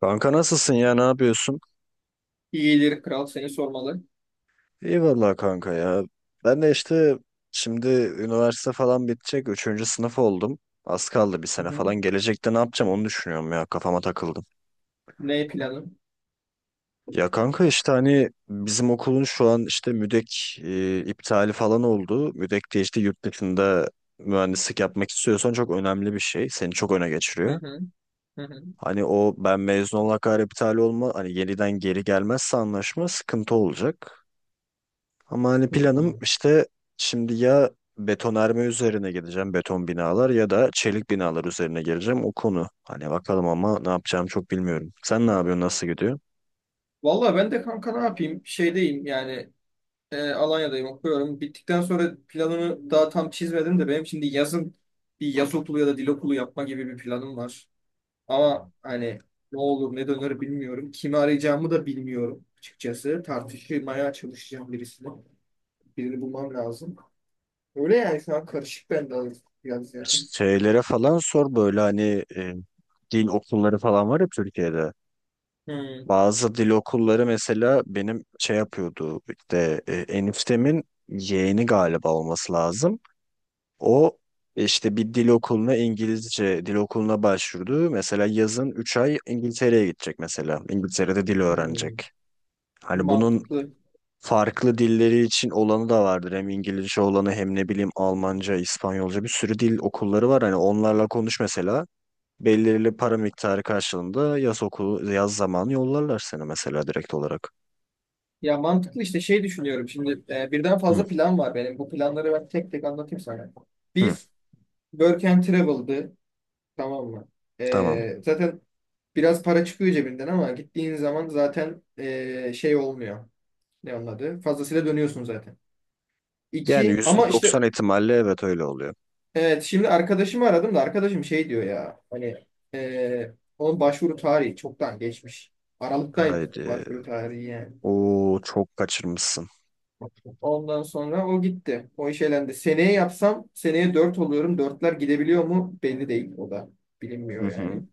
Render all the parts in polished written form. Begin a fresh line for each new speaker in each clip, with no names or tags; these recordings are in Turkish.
Kanka nasılsın ya ne yapıyorsun?
İyidir kral seni sormalı.
İyi vallahi kanka ya. Ben de işte şimdi üniversite falan bitecek. Üçüncü sınıf oldum. Az kaldı bir
Hı
sene
hı.
falan. Gelecekte ne yapacağım onu düşünüyorum ya. Kafama takıldım.
Ne planın?
Ya kanka işte hani bizim okulun şu an işte müdek iptali falan oldu. Müdek de işte yurt dışında mühendislik yapmak istiyorsan çok önemli bir şey. Seni çok öne
Hı
geçiriyor.
hı. Hı hı.
Hani o ben mezun olana kadar iptal olma hani yeniden geri gelmezse anlaşma sıkıntı olacak. Ama hani planım
Hı.
işte şimdi ya betonarme üzerine gideceğim beton binalar ya da çelik binalar üzerine geleceğim o konu. Hani bakalım ama ne yapacağımı çok bilmiyorum. Sen ne yapıyorsun, nasıl gidiyor?
Vallahi ben de kanka ne yapayım? Şeydeyim yani, Alanya'dayım okuyorum. Bittikten sonra planımı daha tam çizmedim de benim şimdi yazın bir yaz okulu ya da dil okulu yapma gibi bir planım var. Ama hani ne olur ne döner bilmiyorum. Kimi arayacağımı da bilmiyorum açıkçası. Tartışmaya çalışacağım birisini. Birini bulmam lazım. Öyle yani şu an karışık bende biraz yani.
Şeylere falan sor, böyle hani dil okulları falan var ya Türkiye'de.
Hı.
Bazı dil okulları mesela benim şey yapıyordu, işte eniftemin yeğeni galiba olması lazım. O işte bir dil okuluna, İngilizce dil okuluna başvurdu. Mesela yazın 3 ay İngiltere'ye gidecek mesela. İngiltere'de dil
Hı.
öğrenecek. Hani bunun
Mantıklı.
farklı dilleri için olanı da vardır. Hem İngilizce olanı hem ne bileyim Almanca, İspanyolca bir sürü dil okulları var. Hani onlarla konuş mesela. Belirli para miktarı karşılığında yaz okulu, yaz zamanı yollarlar seni mesela direkt olarak.
Ya mantıklı işte şey düşünüyorum şimdi, birden
Hı,
fazla plan var benim. Bu planları ben tek tek anlatayım sana.
hı,
Biz Work and Travel'dı, tamam mı?
tamam.
Zaten biraz para çıkıyor cebinden ama gittiğin zaman zaten, şey olmuyor. Ne onun adı? Fazlasıyla dönüyorsun zaten.
Yani
İki
yüzde
ama
doksan
işte
ihtimalle evet öyle oluyor.
evet, şimdi arkadaşımı aradım da arkadaşım şey diyor ya hani, e, onun başvuru tarihi çoktan geçmiş. Aralıktaymış
Haydi.
başvuru tarihi yani.
Oo çok kaçırmışsın.
Ondan sonra o gitti. O iş elendi. Seneye yapsam seneye 4 oluyorum. Dörtler gidebiliyor mu? Belli değil. O da
Hı
bilinmiyor yani.
hı.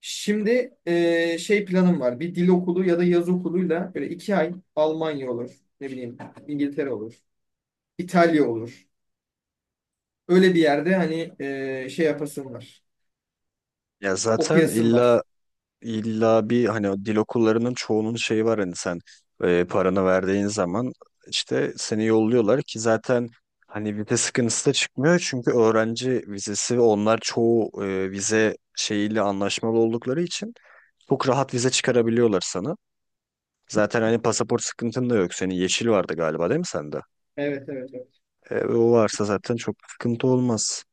Şimdi şey planım var. Bir dil okulu ya da yaz okuluyla böyle 2 ay Almanya olur. Ne bileyim, İngiltere olur. İtalya olur. Öyle bir yerde hani şey yapasın var.
Ya zaten
Okuyasın
illa
var.
illa bir hani o dil okullarının çoğunun şeyi var, hani sen paranı verdiğin zaman işte seni yolluyorlar, ki zaten hani vize sıkıntısı da çıkmıyor çünkü öğrenci vizesi, onlar çoğu vize şeyiyle anlaşmalı oldukları için çok rahat vize çıkarabiliyorlar sana. Zaten hani pasaport sıkıntın da yok. Senin yeşil vardı galiba, değil mi sende?
Evet, evet, evet.
E, o varsa zaten çok sıkıntı olmaz.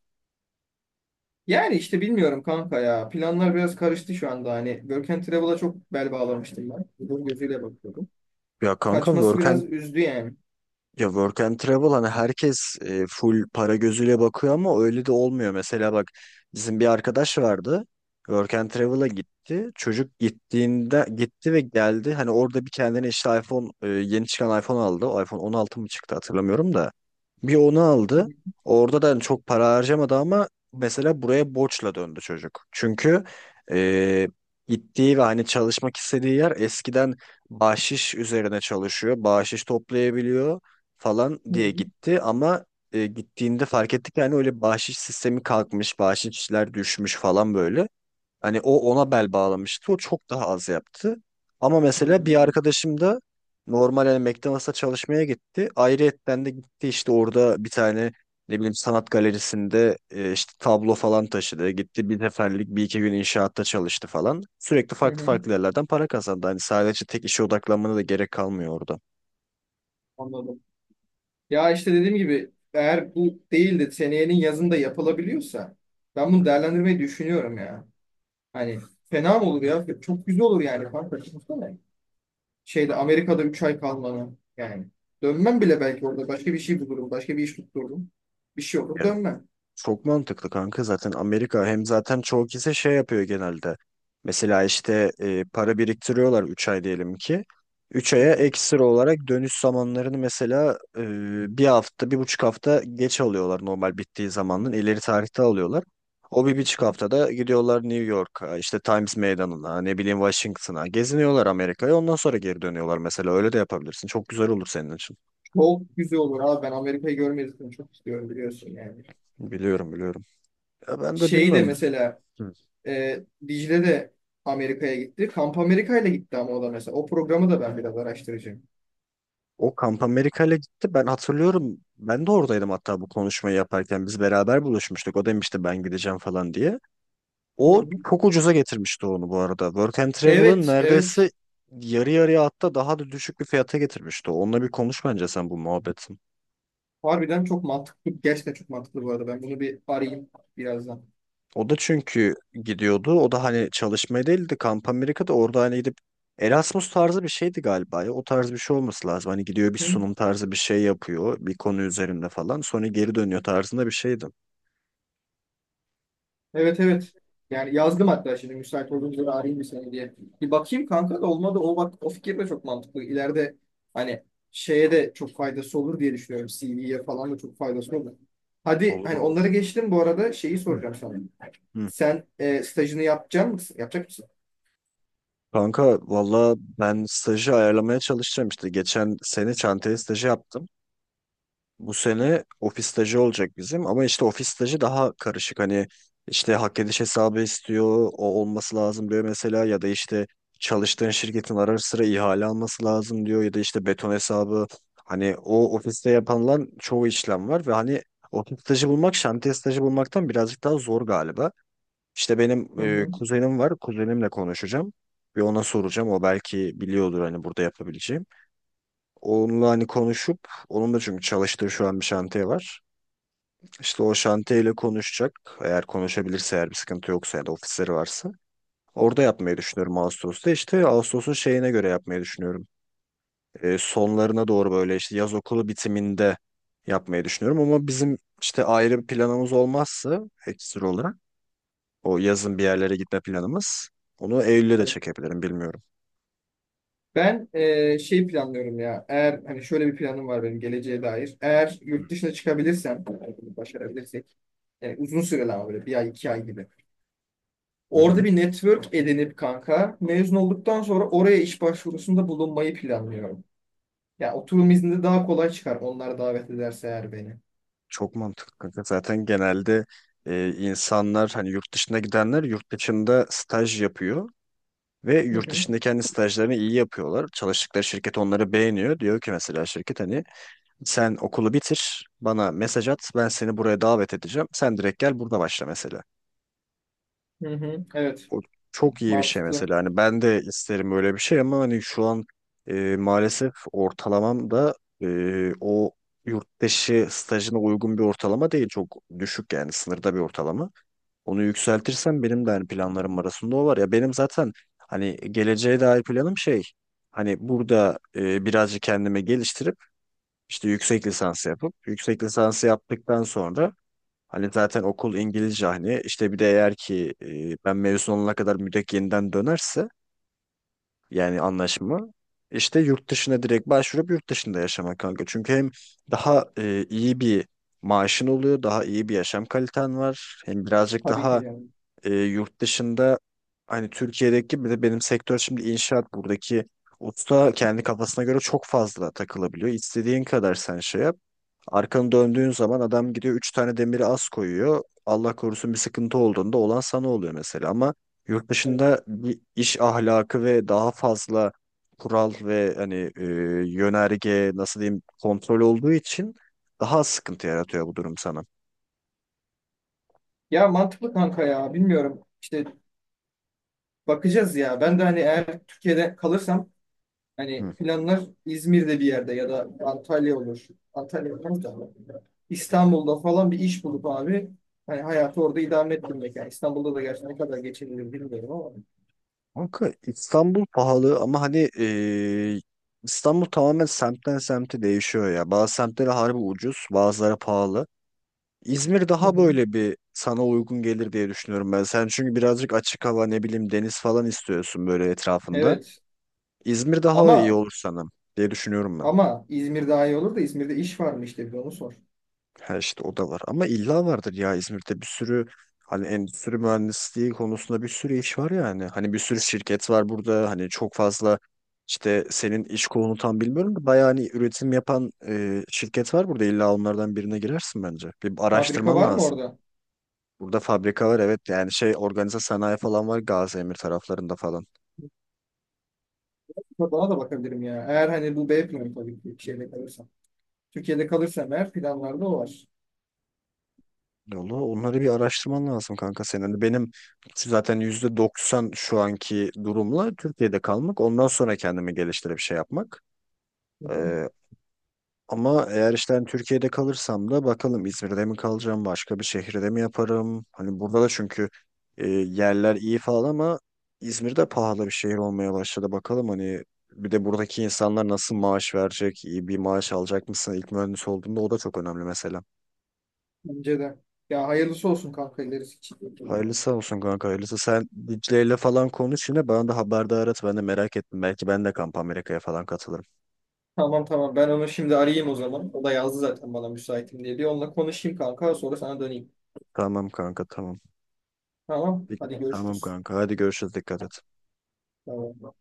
Yani işte bilmiyorum kanka ya. Planlar biraz karıştı şu anda. Hani Work and Travel'a çok bel bağlamıştım ben. Bu gözüyle bakıyordum.
Ya kanka
Kaçması
work
biraz üzdü yani.
Ya work and travel hani herkes full para gözüyle bakıyor ama öyle de olmuyor. Mesela bak, bizim bir arkadaş vardı. Work and travel'a gitti. Çocuk gittiğinde gitti ve geldi. Hani orada bir kendine işte iPhone, yeni çıkan iPhone aldı. O iPhone 16 mı çıktı hatırlamıyorum da. Bir onu
Hı
aldı. Orada da hani çok para harcamadı ama mesela buraya borçla döndü çocuk. Çünkü e, gittiği ve hani çalışmak istediği yer eskiden bahşiş üzerine çalışıyor. Bahşiş toplayabiliyor falan diye
hı,
gitti ama gittiğinde fark ettik, yani öyle bahşiş sistemi kalkmış, bahşişler düşmüş falan böyle. Hani o ona bel bağlamıştı. O çok daha az yaptı. Ama
hı
mesela bir arkadaşım da normal hani McDonald's'a çalışmaya gitti. Ayrıyetten de gitti, işte orada bir tane ne bileyim sanat galerisinde işte tablo falan taşıdı. Gitti, bir seferlik bir iki gün inşaatta çalıştı falan. Sürekli
hı,
farklı
hı.
farklı yerlerden para kazandı. Hani sadece tek işe odaklanmana da gerek kalmıyor orada.
Anladım. Ya işte dediğim gibi eğer bu değil de seneyenin yazında yapılabiliyorsa ben bunu değerlendirmeyi düşünüyorum ya. Hani fena mı olur ya? Çok güzel olur yani kanka. Düşünsene. Şeyde Amerika'da 3 ay kalmanı yani. Dönmem bile belki orada. Başka bir şey bulurum. Başka bir iş tuttururum. Bir şey olur
Ya
dönmem.
çok mantıklı kanka, zaten Amerika hem zaten çoğu kişi şey yapıyor genelde. Mesela işte para biriktiriyorlar, 3 ay diyelim ki. üç
Hı
aya
hı.
ekstra olarak dönüş zamanlarını mesela 1 hafta, 1,5 hafta geç alıyorlar normal bittiği zamandan. İleri tarihte alıyorlar. O 1,5 haftada gidiyorlar New York'a, işte Times Meydanı'na, ne bileyim Washington'a. Geziniyorlar Amerika'ya, ondan sonra geri dönüyorlar mesela. Öyle de yapabilirsin. Çok güzel olur senin için.
Çok güzel olur abi. Ben Amerika'yı görmeyi zaten çok istiyorum biliyorsun yani.
Biliyorum, biliyorum. Ya ben de
Şeyi de
bilmiyorum.
mesela E, Dicle de Amerika'ya gitti. Kamp Amerika'yla gitti ama o da mesela. O programı da ben biraz araştıracağım.
O Kamp Amerika'yla gitti. Ben hatırlıyorum. Ben de oradaydım hatta bu konuşmayı yaparken. Biz beraber buluşmuştuk. O demişti ben gideceğim falan diye.
Hı
O
hı.
çok ucuza getirmişti onu bu arada. Work and Travel'ın
Evet, evet.
neredeyse yarı yarıya, hatta daha da düşük bir fiyata getirmişti. Onunla bir konuş bence sen bu muhabbetin.
Harbiden çok mantıklı. Gerçekten çok mantıklı bu arada. Ben bunu bir arayayım birazdan.
O da çünkü gidiyordu. O da hani çalışmaya değildi. Kamp Amerika'da orada hani gidip Erasmus tarzı bir şeydi galiba ya. O tarz bir şey olması lazım. Hani gidiyor, bir
Hı.
sunum tarzı bir şey yapıyor. Bir konu üzerinde falan. Sonra geri dönüyor tarzında bir şeydi.
Evet, evet. Yani yazdım hatta şimdi müsait olduğunuzda arayayım bir seni diye. Bir bakayım kanka da olmadı. O bak o fikir de çok mantıklı. İleride hani şeye de çok faydası olur diye düşünüyorum. CV'ye falan da çok faydası olur. Hadi
Olur
hani
olur.
onları geçtim bu arada şeyi
Hı.
soracağım sana.
Hı.
Sen, stajını yapacak mısın? Yapacak mısın?
Kanka valla ben stajı ayarlamaya çalışacağım işte. Geçen sene çantaya stajı yaptım. Bu sene ofis stajı olacak bizim, ama işte ofis stajı daha karışık. Hani işte hak ediş hesabı istiyor, o olması lazım diyor mesela, ya da işte çalıştığın şirketin ara sıra ihale alması lazım diyor, ya da işte beton hesabı. Hani o ofiste yapılan çoğu işlem var ve hani ofis stajı bulmak şantiye stajı bulmaktan birazcık daha zor galiba. İşte benim
Hı hı.
kuzenim var. Kuzenimle konuşacağım. Bir ona soracağım. O belki biliyordur hani burada yapabileceğim. Onunla hani konuşup, onun da çünkü çalıştığı şu an bir şantiye var. İşte o şantiyeyle konuşacak. Eğer konuşabilirse, eğer bir sıkıntı yoksa ya da ofisleri varsa. Orada yapmayı düşünüyorum Ağustos'ta. İşte Ağustos'un şeyine göre yapmayı düşünüyorum. Sonlarına doğru, böyle işte yaz okulu bitiminde yapmayı düşünüyorum. Ama bizim işte ayrı bir planımız olmazsa, ekstra olarak o yazın bir yerlere gitme planımız. Onu Eylül'e de
Evet.
çekebilirim bilmiyorum.
Ben, şey planlıyorum ya. Eğer hani şöyle bir planım var benim geleceğe dair. Eğer yurt dışına çıkabilirsem, yani bunu başarabilirsek, uzun süreli ama böyle bir ay iki ay gibi.
Hı
Orada
hı.
bir network edinip kanka mezun olduktan sonra oraya iş başvurusunda bulunmayı planlıyorum. Ya oturum izninde daha kolay çıkar onlar davet ederse eğer beni.
Çok mantıklı kanka. Zaten genelde insanlar, hani yurt dışına gidenler yurt dışında staj yapıyor ve
Hı
yurt
hı.
dışında kendi stajlarını iyi yapıyorlar. Çalıştıkları şirket onları beğeniyor. Diyor ki mesela şirket, hani sen okulu bitir, bana mesaj at, ben seni buraya davet edeceğim. Sen direkt gel, burada başla mesela.
Hı hı. Evet,
O çok iyi bir şey
mantıklı.
mesela. Hani ben de isterim öyle bir şey ama hani şu an maalesef ortalamam da o yurt dışı stajına uygun bir ortalama değil. Çok düşük, yani sınırda bir ortalama. Onu yükseltirsem benim de hani planlarım arasında o var. Ya benim zaten hani geleceğe dair planım şey, hani burada birazcık kendimi geliştirip işte yüksek lisans yapıp, yüksek lisansı yaptıktan sonra hani zaten okul İngilizce, hani işte bir de eğer ki ben mezun olana kadar müdek yeniden dönerse, yani anlaşma işte, yurt dışına direkt başvurup yurt dışında yaşamak kanka. Çünkü hem daha iyi bir maaşın oluyor, daha iyi bir yaşam kaliten var. Hem birazcık
Tabii ki
daha
canım.
yurt dışında hani, Türkiye'deki bir de benim sektör şimdi inşaat, buradaki usta kendi kafasına göre çok fazla takılabiliyor. İstediğin kadar sen şey yap. Arkanı döndüğün zaman adam gidiyor, 3 tane demiri az koyuyor. Allah korusun bir sıkıntı olduğunda olan sana oluyor mesela, ama yurt
Evet.
dışında bir iş ahlakı ve daha fazla kural ve hani yönerge, nasıl diyeyim, kontrol olduğu için daha az sıkıntı yaratıyor bu durum sana.
Ya mantıklı kanka ya. Bilmiyorum. İşte bakacağız ya. Ben de hani eğer Türkiye'de kalırsam, hani
Hı.
planlar İzmir'de bir yerde ya da Antalya olur. Antalya olmaz da İstanbul'da falan bir iş bulup abi, hani hayatı orada idame ettirmek. Yani İstanbul'da da gerçi ne kadar geçinilir bilmiyorum ama.
Kanka İstanbul pahalı, ama hani İstanbul tamamen semtten semte değişiyor ya. Bazı semtlere harbi ucuz, bazıları pahalı. İzmir
Hı
daha
hı.
böyle bir sana uygun gelir diye düşünüyorum ben. Sen çünkü birazcık açık hava, ne bileyim deniz falan istiyorsun böyle etrafında.
Evet.
İzmir daha iyi
Ama
olur sana diye düşünüyorum ben.
ama İzmir daha iyi olur da İzmir'de iş var mı işte bir onu sor.
Ha, işte o da var. Ama illa vardır ya, İzmir'de bir sürü hani endüstri mühendisliği konusunda bir sürü iş var yani. Hani bir sürü şirket var burada. Hani çok fazla işte, senin iş kolunu tam bilmiyorum da, bayağı hani üretim yapan şirket var burada. İlla onlardan birine girersin bence. Bir
Fabrika
araştırman
var mı
lazım.
orada?
Burada fabrika var evet, yani şey organize sanayi falan var Gaziemir taraflarında falan.
Bana da bakabilirim ya. Eğer hani bu B planı, tabii ki bir şeyle kalırsam. Türkiye'de kalırsam eğer planlarda o var.
Valla onları bir araştırman lazım kanka senin. Hani benim zaten %90 şu anki durumla Türkiye'de kalmak. Ondan sonra kendimi geliştirip şey yapmak.
Hı hı.
Ee, ama eğer işte hani Türkiye'de kalırsam da bakalım, İzmir'de mi kalacağım, başka bir şehirde mi yaparım? Hani burada da çünkü yerler iyi falan ama İzmir'de pahalı bir şehir olmaya başladı. Bakalım hani bir de buradaki insanlar nasıl maaş verecek, iyi bir maaş alacak mısın? İlk mühendis olduğunda o da çok önemli mesela.
Bence de. Ya hayırlısı olsun kanka ilerisi için.
Hayırlısı olsun kanka, hayırlısı. Sen Dicle'yle falan konuş, yine bana da haberdar et. Ben de merak ettim. Belki ben de Kamp Amerika'ya falan katılırım.
Tamam tamam, ben onu şimdi arayayım o zaman. O da yazdı zaten bana müsaitim diye. Bir onunla konuşayım kanka sonra sana döneyim.
Tamam kanka, tamam.
Tamam hadi
Tamam
görüşürüz.
kanka, hadi görüşürüz, dikkat et.
Tamam.